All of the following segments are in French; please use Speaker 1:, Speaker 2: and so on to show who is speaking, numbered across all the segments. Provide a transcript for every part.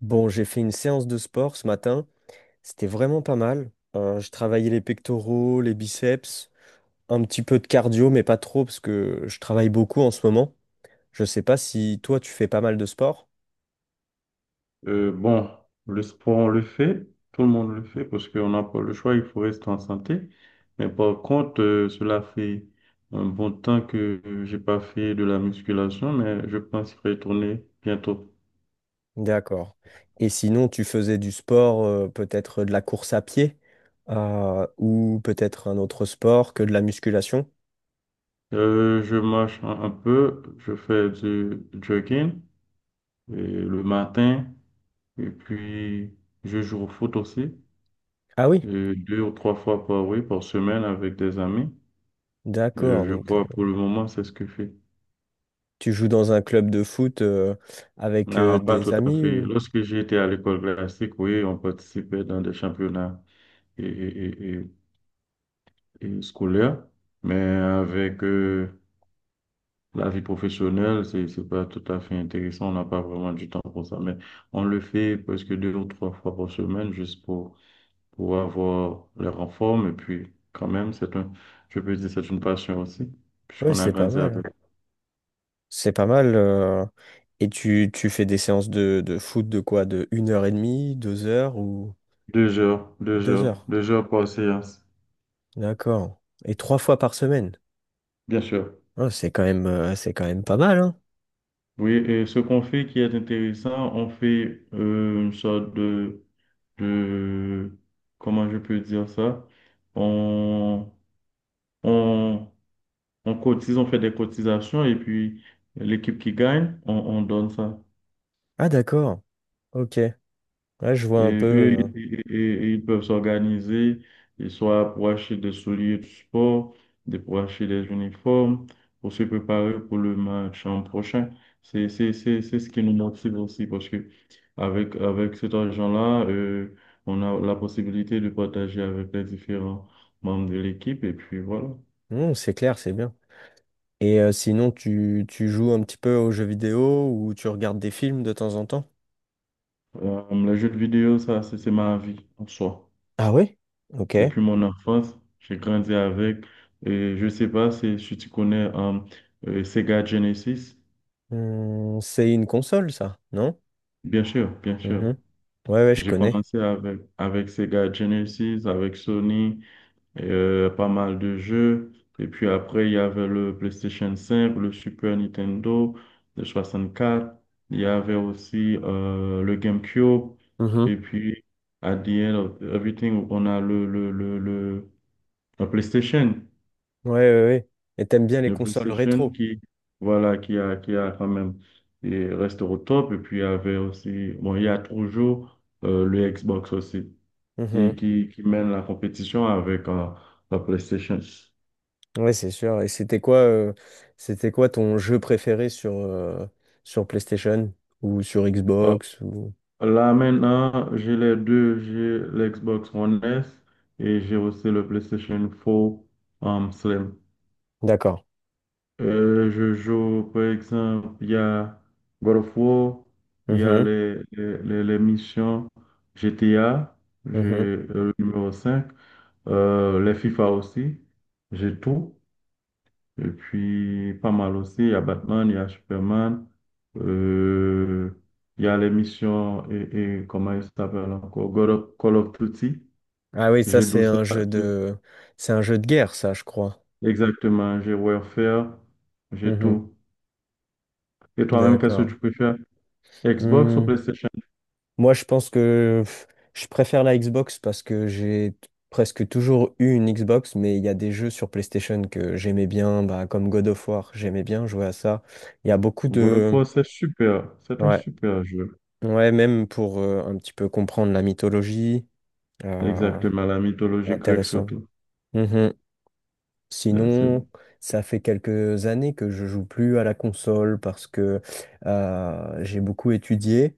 Speaker 1: Bon, j'ai fait une séance de sport ce matin. C'était vraiment pas mal. Je travaillais les pectoraux, les biceps, un petit peu de cardio, mais pas trop parce que je travaille beaucoup en ce moment. Je sais pas si toi tu fais pas mal de sport.
Speaker 2: Bon, le sport, on le fait, tout le monde le fait parce qu'on n'a pas le choix, il faut rester en santé. Mais par contre, cela fait un bon temps que j'ai pas fait de la musculation, mais je pense retourner bientôt.
Speaker 1: D'accord. Et sinon, tu faisais du sport, peut-être de la course à pied, ou peut-être un autre sport que de la musculation.
Speaker 2: Je marche un peu, je fais du jogging euh, le matin et puis je joue au foot aussi,
Speaker 1: Ah oui,
Speaker 2: 2 ou 3 fois par, oui, par semaine avec des amis.
Speaker 1: d'accord.
Speaker 2: Je
Speaker 1: Donc,
Speaker 2: crois pour le moment, c'est ce que je fais.
Speaker 1: tu joues dans un club de foot, avec,
Speaker 2: Non, pas
Speaker 1: des
Speaker 2: tout à
Speaker 1: amis
Speaker 2: fait.
Speaker 1: ou...
Speaker 2: Lorsque j'étais à l'école classique, oui, on participait dans des championnats et, et- et- et scolaires, mais avec la vie professionnelle, c'est pas tout à fait intéressant. On n'a pas vraiment du temps pour ça, mais on le fait presque 2 ou 3 fois par semaine juste pour avoir les renforts. Et puis, quand même, c'est un, je peux dire, c'est une passion aussi,
Speaker 1: Oui,
Speaker 2: puisqu'on a
Speaker 1: c'est pas
Speaker 2: grandi
Speaker 1: mal,
Speaker 2: avec.
Speaker 1: hein. C'est pas mal. Et tu fais des séances de foot de quoi? De une heure et demie, deux heures ou
Speaker 2: deux heures, deux
Speaker 1: deux
Speaker 2: heures,
Speaker 1: heures.
Speaker 2: deux heures par séance,
Speaker 1: D'accord. Et trois fois par semaine.
Speaker 2: bien sûr.
Speaker 1: Ah, c'est quand même pas mal, hein.
Speaker 2: Oui, et ce qu'on fait qui est intéressant, on fait une sorte de, comment je peux dire ça? On, on, on cotise, on fait des cotisations et puis l'équipe qui gagne, on donne ça.
Speaker 1: Ah, d'accord. Ok. Là, je vois un peu.
Speaker 2: Et eux, ils peuvent s'organiser, ils soit pour acheter des souliers de sport, pour acheter des uniformes, pour se préparer pour le match en prochain. C'est ce qui nous motive aussi parce que avec cet argent-là, on a la possibilité de partager avec les différents membres de l'équipe. Et puis voilà.
Speaker 1: Hmm, c'est clair, c'est bien. Et sinon, tu joues un petit peu aux jeux vidéo ou tu regardes des films de temps en temps?
Speaker 2: Les jeux de vidéo, ça, c'est ma vie en soi.
Speaker 1: Ah oui? Ok.
Speaker 2: Depuis mon enfance, j'ai grandi avec, et je sais pas si tu connais Sega Genesis.
Speaker 1: Hmm, c'est une console, ça, non?
Speaker 2: Bien sûr, bien sûr.
Speaker 1: Mhm. Ouais, ouais, je
Speaker 2: J'ai
Speaker 1: connais.
Speaker 2: commencé avec Sega Genesis, avec Sony, pas mal de jeux. Et puis après, il y avait le PlayStation 5, le Super Nintendo, le 64. Il y avait aussi le GameCube. Et
Speaker 1: Mhm.
Speaker 2: puis, à the end of everything, on a le PlayStation.
Speaker 1: Ouais, ouais, ouais. Et t'aimes bien les
Speaker 2: Le
Speaker 1: consoles
Speaker 2: PlayStation
Speaker 1: rétro?
Speaker 2: qui, voilà, qui a quand même, et reste au top. Et puis, il y avait aussi, bon, il y a toujours le Xbox aussi, qui,
Speaker 1: Mhm.
Speaker 2: qui, qui mène la compétition avec la PlayStation.
Speaker 1: Ouais, c'est sûr. Et c'était quoi ton jeu préféré sur, sur PlayStation ou sur
Speaker 2: Euh,
Speaker 1: Xbox ou...
Speaker 2: Là, maintenant, j'ai les deux, j'ai l'Xbox One S et j'ai aussi le PlayStation 4 Slim.
Speaker 1: D'accord.
Speaker 2: Je joue, par exemple, il y a God of War, il y a
Speaker 1: Mhm.
Speaker 2: les missions GTA, j'ai
Speaker 1: Mhm.
Speaker 2: le numéro 5 les FIFA aussi, j'ai tout. Et puis, pas mal aussi, il y a Batman, il y a Superman, euh, il y a les missions, et comment il s'appelle encore, Call of Duty,
Speaker 1: Ah oui, ça
Speaker 2: j'ai tout
Speaker 1: c'est
Speaker 2: ça.
Speaker 1: un jeu
Speaker 2: j'ai-
Speaker 1: de, c'est un jeu de guerre, ça, je crois.
Speaker 2: Exactement, j'ai Warfare, j'ai
Speaker 1: Mhm.
Speaker 2: tout. Et toi-même, qu'est-ce que
Speaker 1: D'accord.
Speaker 2: tu préfères? Xbox ou
Speaker 1: Hmm.
Speaker 2: PlayStation?
Speaker 1: Moi, je pense que pff, je préfère la Xbox parce que presque toujours eu une Xbox, mais il y a des jeux sur PlayStation que j'aimais bien, bah, comme God of War, j'aimais bien jouer à ça. Il y a beaucoup
Speaker 2: God of
Speaker 1: de,
Speaker 2: War, c'est super. C'est un
Speaker 1: ouais.
Speaker 2: super jeu.
Speaker 1: Ouais, même pour un petit peu comprendre la mythologie, euh,
Speaker 2: Exactement, la
Speaker 1: c'est
Speaker 2: mythologie grecque
Speaker 1: intéressant.
Speaker 2: surtout.
Speaker 1: Mhm.
Speaker 2: Là, c'est-
Speaker 1: Sinon, ça fait quelques années que je joue plus à la console parce que j'ai beaucoup étudié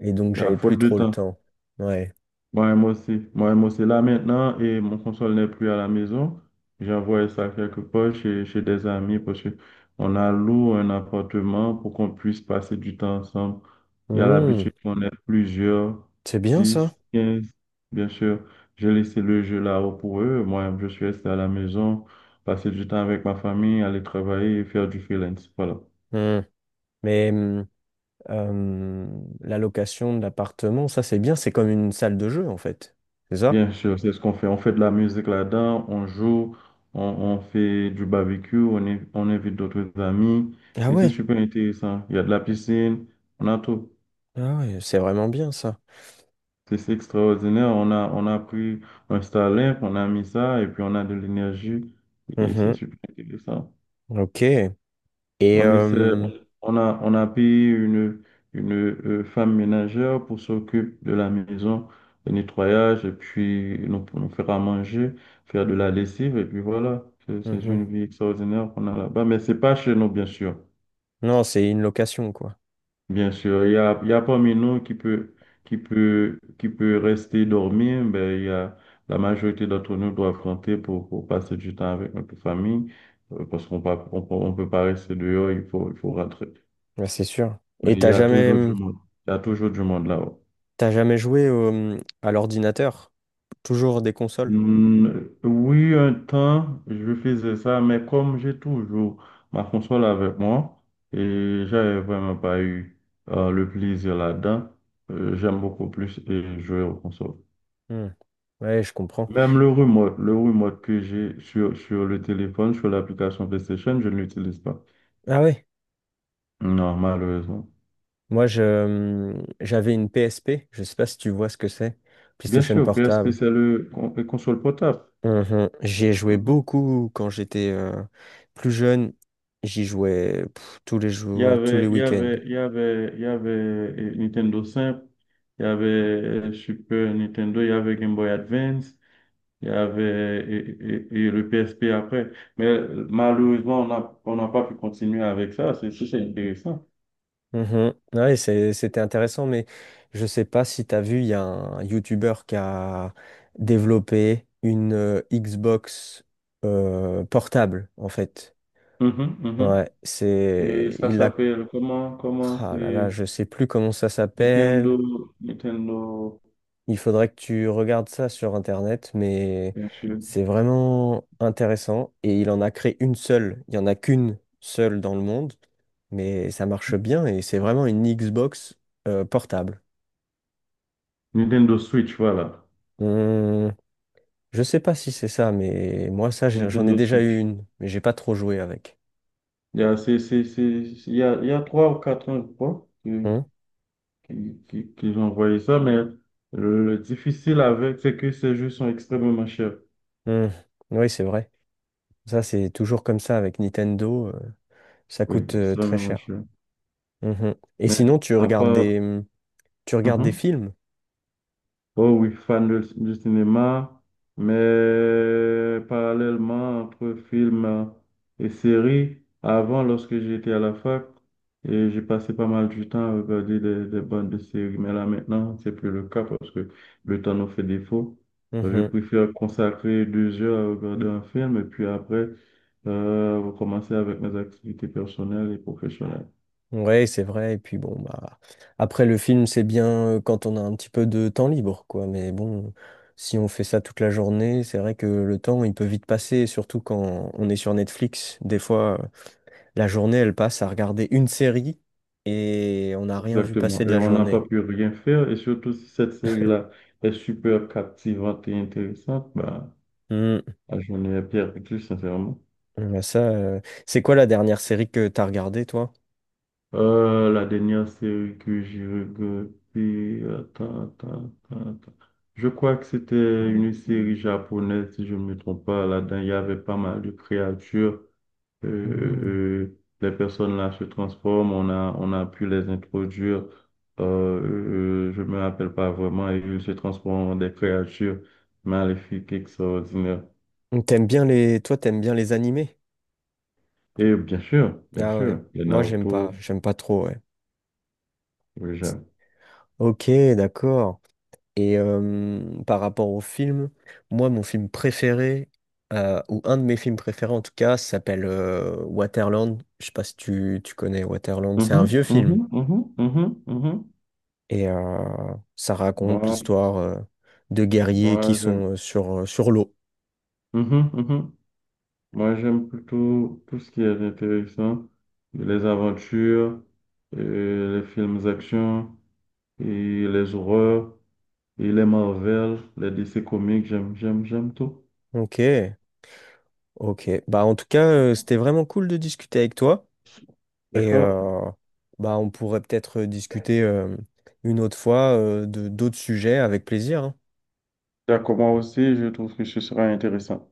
Speaker 1: et donc j'avais
Speaker 2: À
Speaker 1: plus
Speaker 2: faute de
Speaker 1: trop le
Speaker 2: temps.
Speaker 1: temps. Ouais.
Speaker 2: Moi-même aussi. Moi-même aussi. Là maintenant, et mon console n'est plus à la maison. J'ai envoyé ça quelque part chez des amis parce que on a loué un appartement pour qu'on puisse passer du temps ensemble. Il y a
Speaker 1: Hmm,
Speaker 2: l'habitude qu'on ait plusieurs,
Speaker 1: c'est bien ça.
Speaker 2: 10, 15, bien sûr. J'ai laissé le jeu là-haut pour eux. Moi je suis resté à la maison, passer du temps avec ma famille, aller travailler et faire du freelance. Voilà.
Speaker 1: Hmm. Mais euh, la location de l'appartement, ça c'est bien, c'est comme une salle de jeu en fait. C'est ça?
Speaker 2: Bien sûr, c'est ce qu'on fait. On fait de la musique là-dedans, on joue, on fait du barbecue, on invite d'autres amis.
Speaker 1: Ah
Speaker 2: C'est
Speaker 1: ouais,
Speaker 2: super intéressant. Il y a de la piscine, on a tout.
Speaker 1: ah ouais, c'est vraiment bien ça.
Speaker 2: C'est extraordinaire. On a pris un Starlink, on a mis ça et puis on a de l'énergie et c'est
Speaker 1: Mhm.
Speaker 2: super intéressant.
Speaker 1: Ok. Et
Speaker 2: On essaie, on a payé une femme ménagère pour s'occuper de la maison, le nettoyage, et puis nous faire à manger, faire de la lessive, et puis voilà. C'est
Speaker 1: Mhm.
Speaker 2: une vie extraordinaire qu'on a là-bas. Mais c'est pas chez nous, bien sûr.
Speaker 1: Non, c'est une location, quoi.
Speaker 2: Bien sûr, il y a parmi nous qui peut rester dormir, ben, la majorité d'entre nous doivent affronter pour passer du temps avec notre famille, parce qu'on peut pas rester dehors, il faut rentrer.
Speaker 1: Ouais, c'est sûr.
Speaker 2: Mais il y a toujours du monde. Il y a toujours du monde là-haut.
Speaker 1: T'as jamais joué à l'ordinateur? Toujours des consoles?
Speaker 2: Hmm, oui, un temps, je faisais ça, mais comme j'ai toujours ma console avec moi et j'avais vraiment pas eu le plaisir là-dedans, j'aime beaucoup plus et jouer aux consoles.
Speaker 1: Hmm. Ouais, je comprends.
Speaker 2: Même le remote que j'ai sur le téléphone, sur l'application PlayStation, je ne l'utilise pas.
Speaker 1: Ah ouais.
Speaker 2: Non, malheureusement.
Speaker 1: Moi, je, j'avais une PSP. Je sais pas si tu vois ce que c'est.
Speaker 2: Bien
Speaker 1: PlayStation
Speaker 2: sûr, PSP,
Speaker 1: Portable.
Speaker 2: c'est le console portable.
Speaker 1: Mhm. J'y ai joué
Speaker 2: Mhm.
Speaker 1: beaucoup quand j'étais plus jeune. J'y jouais pff, tous les jours, tous les week-ends.
Speaker 2: Il y avait Nintendo simple, il y avait Super Nintendo, il y avait Game Boy Advance, il y avait le PSP après. Mais malheureusement, on n'a pas pu continuer avec ça. C'est intéressant.
Speaker 1: Mhm. Ouais, c'était intéressant, mais je sais pas si tu as vu, il y a un YouTuber qui a développé une Xbox portable, en fait.
Speaker 2: Mhm, mhm.
Speaker 1: Ouais,
Speaker 2: Et
Speaker 1: c'est.
Speaker 2: ça
Speaker 1: Il a.
Speaker 2: s'appelle comment
Speaker 1: Ah là là,
Speaker 2: c'est
Speaker 1: je sais plus comment ça
Speaker 2: Nintendo,
Speaker 1: s'appelle.
Speaker 2: Nintendo,
Speaker 1: Il faudrait que tu regardes ça sur Internet, mais
Speaker 2: bien sûr.
Speaker 1: c'est vraiment intéressant. Et il en a créé une seule. Il y en a qu'une seule dans le monde, mais ça marche bien et c'est vraiment une Xbox portable.
Speaker 2: Nintendo Switch, voilà.
Speaker 1: Hum, je sais pas si c'est ça, mais moi, ça, j'en ai
Speaker 2: Nintendo
Speaker 1: déjà eu
Speaker 2: Switch.
Speaker 1: une, mais j'ai pas trop joué avec.
Speaker 2: Il y a 3 ou 4 ans, je crois.
Speaker 1: Hum,
Speaker 2: Qui ont envoyé ça, mais le difficile avec, c'est que ces jeux sont extrêmement chers.
Speaker 1: hum, Oui, c'est vrai. Ça, c'est toujours comme ça avec Nintendo. Ça
Speaker 2: Oui,
Speaker 1: coûte très
Speaker 2: extrêmement
Speaker 1: cher.
Speaker 2: chers.
Speaker 1: Mhm. Et
Speaker 2: Mais
Speaker 1: sinon,
Speaker 2: à part...
Speaker 1: tu regardes des
Speaker 2: Mhm.
Speaker 1: films?
Speaker 2: Oh oui, fan du cinéma, mais parallèlement entre films et séries, avant, lorsque j'étais à la fac, et j'ai passé pas mal du temps à regarder des bandes de séries, mais là maintenant, c'est plus le cas parce que le temps nous fait défaut. Je
Speaker 1: Mhm.
Speaker 2: préfère consacrer 2 heures à regarder un film et puis après, recommencer avec mes activités personnelles et professionnelles.
Speaker 1: Ouais, c'est vrai. Et puis bon, bah après le film, c'est bien quand on a un petit peu de temps libre, quoi. Mais bon, si on fait ça toute la journée, c'est vrai que le temps, il peut vite passer, surtout quand on est sur Netflix. Des fois, la journée, elle passe à regarder une série et on n'a rien vu passer
Speaker 2: Exactement.
Speaker 1: de
Speaker 2: Et
Speaker 1: la
Speaker 2: on n'a pas
Speaker 1: journée.
Speaker 2: pu rien faire. Et surtout, si cette série-là est super captivante et intéressante, bah,
Speaker 1: Hmm.
Speaker 2: la journée est perdue, sincèrement.
Speaker 1: Bah, ça, c'est quoi la dernière série que t'as regardée, toi?
Speaker 2: La dernière série que j'ai regardée, attends, attends, attends, attends. Je crois que c'était une série japonaise, si je ne me trompe pas. Là-dedans, il y avait pas mal de créatures.
Speaker 1: Hmm.
Speaker 2: Les personnes là se transforment, on a pu les introduire, euh, euh, je me rappelle pas vraiment, et ils se transforment en des créatures maléfiques, extraordinaires.
Speaker 1: Toi, t'aimes bien les animés?
Speaker 2: Et bien
Speaker 1: Ah
Speaker 2: sûr,
Speaker 1: ouais.
Speaker 2: les
Speaker 1: Moi,
Speaker 2: Naruto,
Speaker 1: j'aime pas trop, ouais.
Speaker 2: oui, j'aime.
Speaker 1: Ok, d'accord. Et par rapport au film, moi, mon film préféré, ou un de mes films préférés en tout cas, s'appelle Waterland. Je sais pas si tu connais Waterland. C'est un
Speaker 2: Mhm,
Speaker 1: vieux film.
Speaker 2: mhm, mhm, mhm, mhm.
Speaker 1: Et ça raconte
Speaker 2: Moi,
Speaker 1: l'histoire de guerriers qui
Speaker 2: moi j'aime.
Speaker 1: sont sur l'eau.
Speaker 2: Mhm, mhm. Moi, j'aime plutôt tout ce qui est intéressant, les aventures, les films d'action et les horreurs. Et les Marvel, les DC Comics, j'aime, j'aime, j'aime tout.
Speaker 1: Ok, ok. Bah, en tout cas, c'était vraiment cool de discuter avec toi. Et
Speaker 2: D'accord?
Speaker 1: bah, on pourrait peut-être discuter une autre fois de d'autres sujets avec plaisir, hein.
Speaker 2: D'accord, moi aussi, je trouve que ce sera intéressant.